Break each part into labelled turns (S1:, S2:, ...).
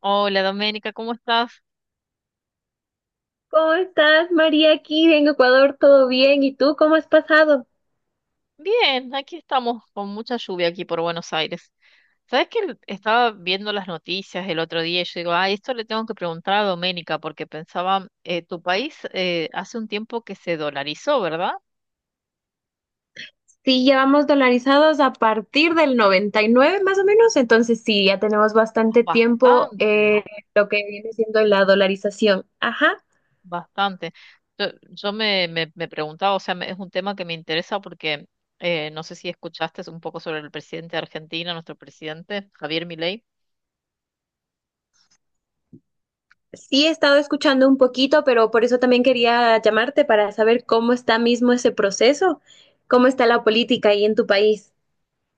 S1: Hola Doménica, ¿cómo estás?
S2: ¿Cómo estás, María? Aquí en Ecuador, ¿todo bien? ¿Y tú cómo has pasado?
S1: Bien, aquí estamos con mucha lluvia aquí por Buenos Aires. ¿Sabes que estaba viendo las noticias el otro día y yo digo, ah, esto le tengo que preguntar a Doménica porque pensaba, tu país hace un tiempo que se dolarizó, ¿verdad?
S2: Sí, ya vamos dolarizados a partir del 99, más o menos, entonces sí, ya tenemos
S1: Ah,
S2: bastante tiempo
S1: bastante,
S2: lo que viene siendo la dolarización. Ajá,
S1: bastante. Yo me preguntaba, o sea, es un tema que me interesa porque no sé si escuchaste un poco sobre el presidente de Argentina, nuestro presidente, Javier Milei.
S2: sí he estado escuchando un poquito, pero por eso también quería llamarte para saber cómo está mismo ese proceso, cómo está la política ahí en tu país.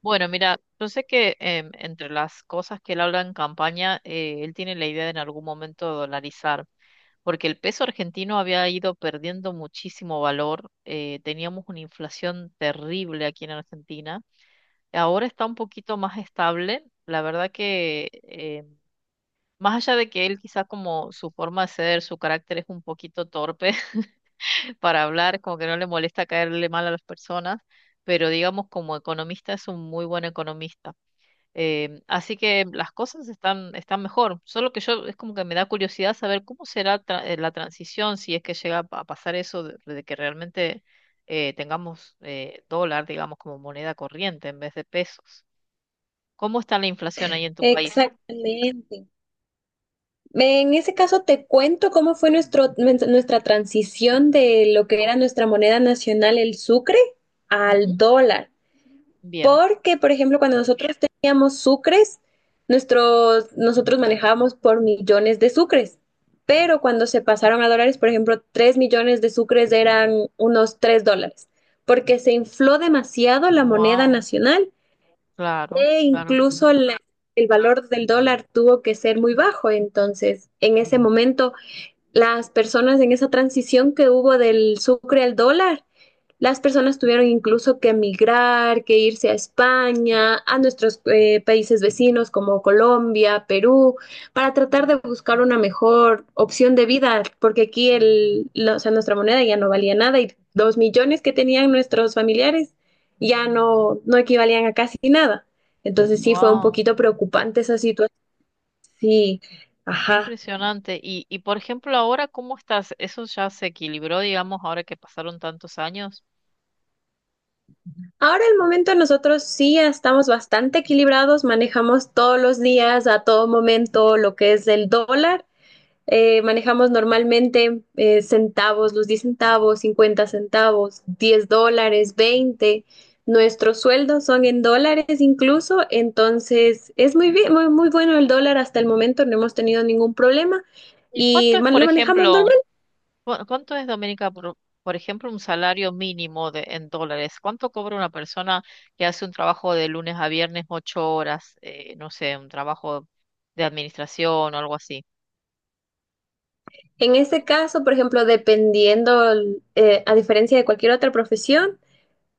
S1: Bueno, mira, yo sé que entre las cosas que él habla en campaña, él tiene la idea de en algún momento dolarizar, porque el peso argentino había ido perdiendo muchísimo valor, teníamos una inflación terrible aquí en Argentina, ahora está un poquito más estable, la verdad que más allá de que él quizás como su forma de ser, su carácter es un poquito torpe para hablar, como que no le molesta caerle mal a las personas, pero digamos como economista es un muy buen economista. Así que las cosas están mejor. Solo que yo es como que me da curiosidad saber cómo será la transición si es que llega a pasar eso de que realmente tengamos dólar, digamos, como moneda corriente en vez de pesos. ¿Cómo está la inflación ahí en tu país?
S2: Exactamente. En ese caso, te cuento cómo fue nuestra transición de lo que era nuestra moneda nacional, el sucre,
S1: Ujú.
S2: al dólar.
S1: Bien.
S2: Porque, por ejemplo, cuando nosotros teníamos sucres, nosotros manejábamos por millones de sucres. Pero cuando se pasaron a dólares, por ejemplo, 3 millones de sucres eran unos $3, porque se infló demasiado la moneda
S1: Wow.
S2: nacional
S1: Claro,
S2: e
S1: claro.
S2: incluso la el valor del dólar tuvo que ser muy bajo. Entonces, en ese momento, las personas en esa transición que hubo del sucre al dólar, las personas tuvieron incluso que emigrar, que irse a España, a nuestros países vecinos como Colombia, Perú, para tratar de buscar una mejor opción de vida, porque aquí o sea, nuestra moneda ya no valía nada y 2 millones que tenían nuestros familiares ya no equivalían a casi nada. Entonces sí fue un
S1: Wow.
S2: poquito preocupante esa situación. Sí,
S1: Qué
S2: ajá.
S1: impresionante. Y por ejemplo, ahora, ¿cómo estás? ¿Eso ya se equilibró, digamos, ahora que pasaron tantos años?
S2: Ahora el momento nosotros sí ya estamos bastante equilibrados, manejamos todos los días, a todo momento, lo que es el dólar. Manejamos normalmente centavos, los 10 centavos, 50 centavos, $10, 20. Nuestros sueldos son en dólares incluso, entonces es muy bien, muy, muy bueno el dólar hasta el momento, no hemos tenido ningún problema
S1: ¿Y cuánto
S2: y
S1: es, por
S2: lo manejamos
S1: ejemplo?
S2: normal.
S1: ¿Cuánto es, Doménica, por ejemplo, un salario mínimo de, en dólares? ¿Cuánto cobra una persona que hace un trabajo de lunes a viernes, 8 horas, no sé, un trabajo de administración o algo así?
S2: En ese caso, por ejemplo, dependiendo, a diferencia de cualquier otra profesión,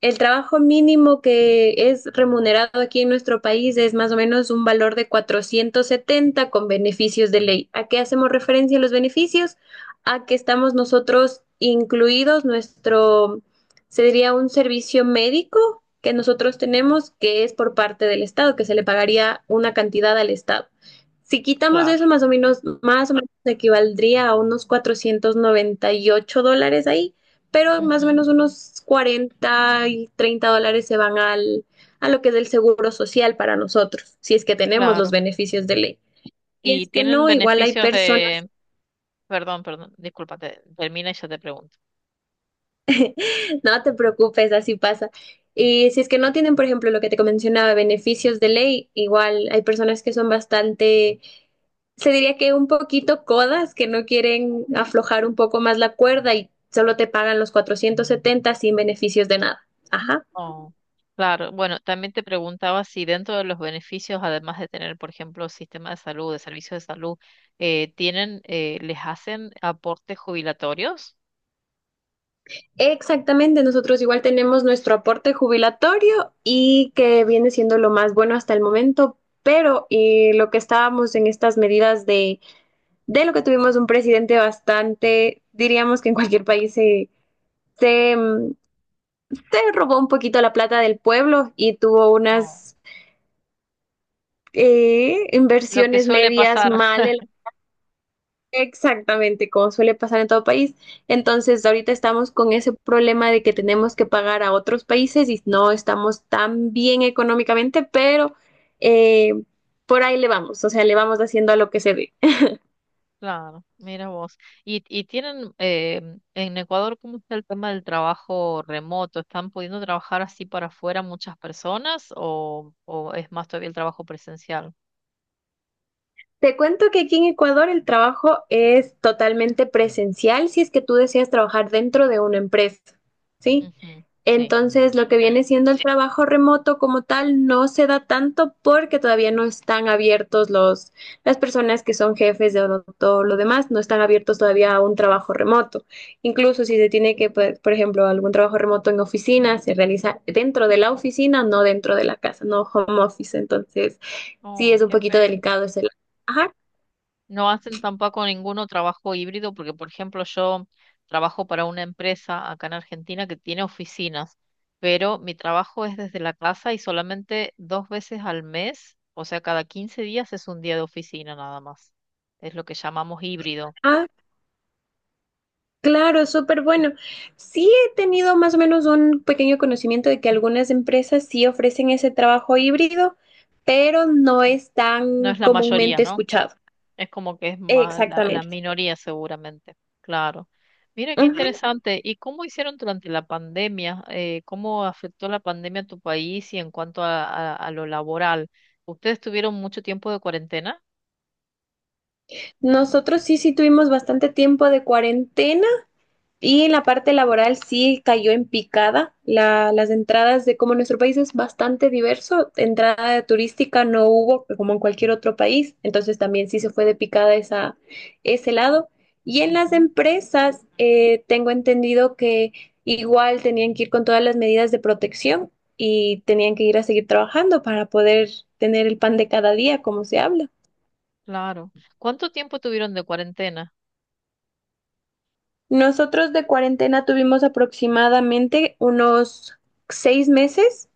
S2: el trabajo mínimo que es remunerado aquí en nuestro país es más o menos un valor de 470 con beneficios de ley. ¿A qué hacemos referencia los beneficios? A que estamos nosotros incluidos, se diría un servicio médico que nosotros tenemos que es por parte del Estado, que se le pagaría una cantidad al Estado. Si quitamos
S1: Claro.
S2: eso, más o menos equivaldría a unos $498 ahí, pero más o
S1: Ujú,
S2: menos unos 40 y $30 se van a lo que es el seguro social para nosotros, si es que tenemos los
S1: claro.
S2: beneficios de ley. Si
S1: ¿Y
S2: es que
S1: tienen
S2: no, igual hay
S1: beneficios
S2: personas,
S1: de... Perdón, perdón, discúlpate, termina y yo te pregunto.
S2: no te preocupes, así pasa. Y si es que no tienen, por ejemplo, lo que te mencionaba, beneficios de ley, igual hay personas que son bastante, se diría que un poquito codas, que no quieren aflojar un poco más la cuerda y solo te pagan los 470 sin beneficios de nada. Ajá.
S1: Oh, claro. Bueno, también te preguntaba si dentro de los beneficios, además de tener, por ejemplo, sistema de salud, de servicios de salud, tienen, les hacen aportes jubilatorios.
S2: Exactamente, nosotros igual tenemos nuestro aporte jubilatorio y que viene siendo lo más bueno hasta el momento, pero lo que estábamos en estas medidas de lo que tuvimos un presidente bastante, diríamos que en cualquier país se, mm, se robó un poquito la plata del pueblo y tuvo
S1: Oh,
S2: unas
S1: lo que
S2: inversiones
S1: suele
S2: medias
S1: pasar,
S2: mal. Exactamente, como suele pasar en todo país. Entonces, ahorita estamos con ese problema de que tenemos que pagar a otros países y no estamos tan bien económicamente, pero eh, por ahí le vamos, o sea, le vamos haciendo a lo que se dé.
S1: claro, mira vos. ¿Y tienen en Ecuador cómo está el tema del trabajo remoto? ¿Están pudiendo trabajar así para afuera muchas personas o es más todavía el trabajo presencial?
S2: Te cuento que aquí en Ecuador el trabajo es totalmente presencial si es que tú deseas trabajar dentro de una empresa, ¿sí?
S1: Ujú, sí.
S2: Entonces, lo que viene siendo el trabajo remoto como tal no se da tanto porque todavía no están abiertos las personas que son jefes todo lo demás, no están abiertos todavía a un trabajo remoto. Incluso si se tiene que, por ejemplo, algún trabajo remoto en oficina, se realiza dentro de la oficina, no dentro de la casa, no home office. Entonces, sí es
S1: Oh,
S2: un
S1: qué
S2: poquito
S1: pena.
S2: delicado ese lado. Ajá.
S1: No hacen tampoco ninguno trabajo híbrido porque, por ejemplo, yo trabajo para una empresa acá en Argentina que tiene oficinas, pero mi trabajo es desde la casa y solamente 2 veces al mes, o sea, cada 15 días es un día de oficina nada más. Es lo que llamamos híbrido.
S2: Ah, claro, súper bueno. Sí he tenido más o menos un pequeño conocimiento de que algunas empresas sí ofrecen ese trabajo híbrido, pero no es
S1: No
S2: tan
S1: es la mayoría,
S2: comúnmente
S1: ¿no?
S2: escuchado.
S1: Es como que es más la
S2: Exactamente.
S1: minoría seguramente, claro. Mira qué
S2: Ujú.
S1: interesante. ¿Y cómo hicieron durante la pandemia? ¿Cómo afectó la pandemia a tu país y en cuanto a, a lo laboral? ¿Ustedes tuvieron mucho tiempo de cuarentena?
S2: Nosotros sí, sí tuvimos bastante tiempo de cuarentena. Y en la parte laboral sí cayó en picada las entradas de como nuestro país es bastante diverso, entrada turística no hubo como en cualquier otro país, entonces también sí se fue de picada ese lado. Y en las
S1: Ujú,
S2: empresas tengo entendido que igual tenían que ir con todas las medidas de protección y tenían que ir a seguir trabajando para poder tener el pan de cada día, como se habla.
S1: claro. ¿Cuánto tiempo tuvieron de cuarentena?
S2: Nosotros de cuarentena tuvimos aproximadamente unos 6 meses.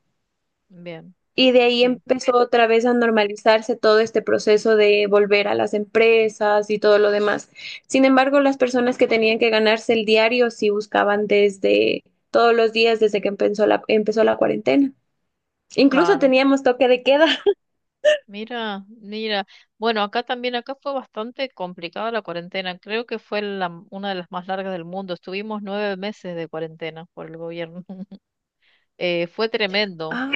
S1: Bien,
S2: Y de ahí
S1: sí,
S2: empezó otra vez a normalizarse todo este proceso de volver a las empresas y todo lo demás. Sin embargo, las personas que tenían que ganarse el diario sí buscaban desde todos los días desde que empezó la cuarentena. Incluso
S1: claro.
S2: teníamos toque de queda.
S1: Mira, mira. Bueno, acá también, acá fue bastante complicada la cuarentena. Creo que fue una de las más largas del mundo. Estuvimos 9 meses de cuarentena por el gobierno. eh, fue tremendo,
S2: Ah,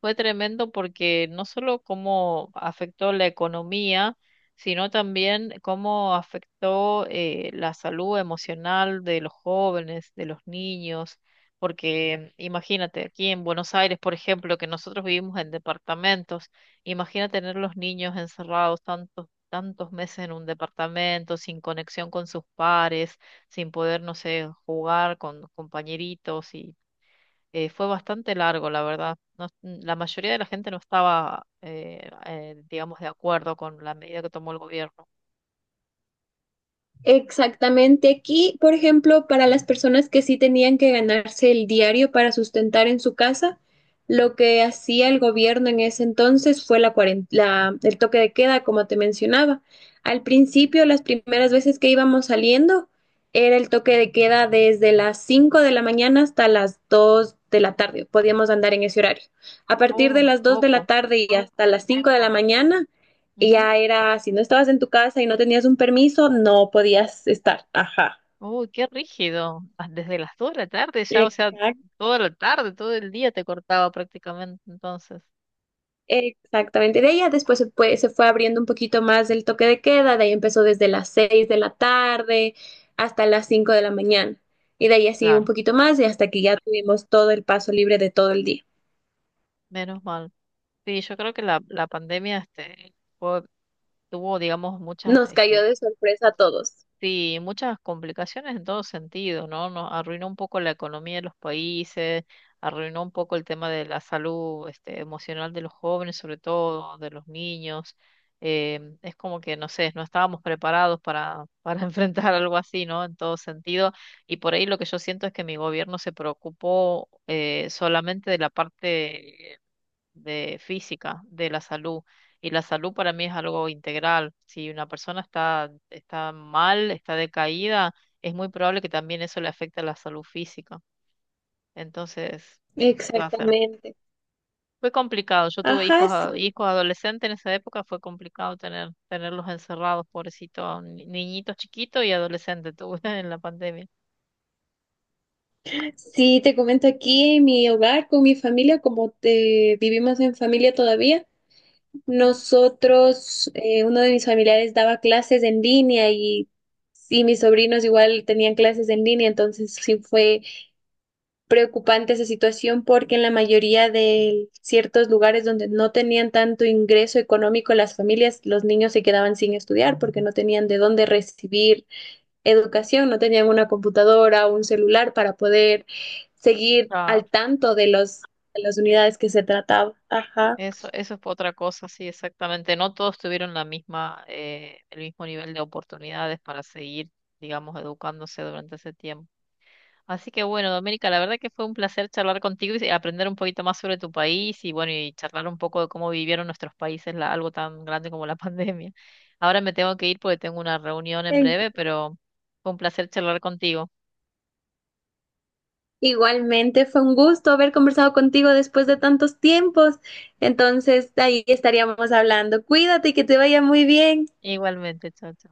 S1: fue tremendo porque no solo cómo afectó la economía, sino también cómo afectó la salud emocional de los jóvenes, de los niños, porque imagínate, aquí en Buenos Aires, por ejemplo, que nosotros vivimos en departamentos, imagina tener los niños encerrados tantos, tantos meses en un departamento, sin conexión con sus pares, sin poder, no sé, jugar con compañeritos fue bastante largo, la verdad. La mayoría de la gente no estaba, digamos, de acuerdo con la medida que tomó el gobierno.
S2: exactamente. Aquí, por ejemplo, para las personas que sí tenían que ganarse el diario para sustentar en su casa, lo que hacía el gobierno en ese entonces fue el toque de queda, como te mencionaba. Al
S1: Mm.
S2: principio, las primeras veces que íbamos saliendo, era el toque de queda desde las 5 de la mañana hasta las 2 de la tarde. Podíamos andar en ese horario. A partir de
S1: Oh,
S2: las 2 de la
S1: poco.
S2: tarde y hasta las 5 de la mañana y
S1: Ujú.
S2: ya era, si no estabas en tu casa y no tenías un permiso, no podías estar. Ajá.
S1: Uy, qué rígido. Ah, desde las 2 de la tarde ya, o sea,
S2: Exact-
S1: toda la tarde, todo el día te cortaba prácticamente. Entonces,
S2: Exactamente. De ella después se fue abriendo un poquito más el toque de queda, de ahí empezó desde las 6 de la tarde hasta las 5 de la mañana. Y de ahí así un
S1: claro,
S2: poquito más y hasta que ya tuvimos todo el paso libre de todo el día.
S1: menos mal. Sí, yo creo que la pandemia tuvo, digamos, muchas
S2: Nos cayó
S1: este,
S2: de sorpresa a todos.
S1: sí, muchas complicaciones en todo sentido, ¿no? Nos arruinó un poco la economía de los países, arruinó un poco el tema de la salud, este, emocional de los jóvenes, sobre todo de los niños. Es como que, no sé, no estábamos preparados para enfrentar algo así, ¿no? En todo sentido. Y por ahí lo que yo siento es que mi gobierno se preocupó solamente de la parte de física de la salud. Y la salud para mí es algo integral. Si una persona está mal, está decaída, es muy probable que también eso le afecte a la salud física. Entonces, ¿qué va a hacer?
S2: Exactamente.
S1: Fue complicado. Yo tuve hijos,
S2: Ajá, sí.
S1: hijos adolescentes en esa época, fue complicado tener, tenerlos encerrados, pobrecitos, niñitos chiquitos y adolescentes tuve en la pandemia.
S2: Sí, te comento aquí en mi hogar con mi familia, como te vivimos en familia todavía.
S1: Mm.
S2: Nosotros, uno de mis familiares daba clases en línea y mis sobrinos igual tenían clases en línea, entonces sí fue preocupante esa situación porque en la mayoría de ciertos lugares donde no tenían tanto ingreso económico las familias, los niños se quedaban sin estudiar porque no tenían de dónde recibir educación, no tenían una computadora o un celular para poder seguir
S1: Claro,
S2: al tanto de de las
S1: sí.
S2: unidades que se trataba. Ajá.
S1: Eso fue otra cosa, sí, exactamente. No todos tuvieron la misma, el mismo nivel de oportunidades para seguir, digamos, educándose durante ese tiempo. Así que bueno, Doménica, la verdad que fue un placer charlar contigo y aprender un poquito más sobre tu país y bueno, y charlar un poco de cómo vivieron nuestros países algo tan grande como la pandemia. Ahora me tengo que ir porque tengo una reunión en breve, pero fue un placer charlar contigo.
S2: Igualmente, fue un gusto haber conversado contigo después de tantos tiempos. Entonces, ahí estaríamos hablando. Cuídate y que te vaya muy bien.
S1: Igualmente, chao. Chao.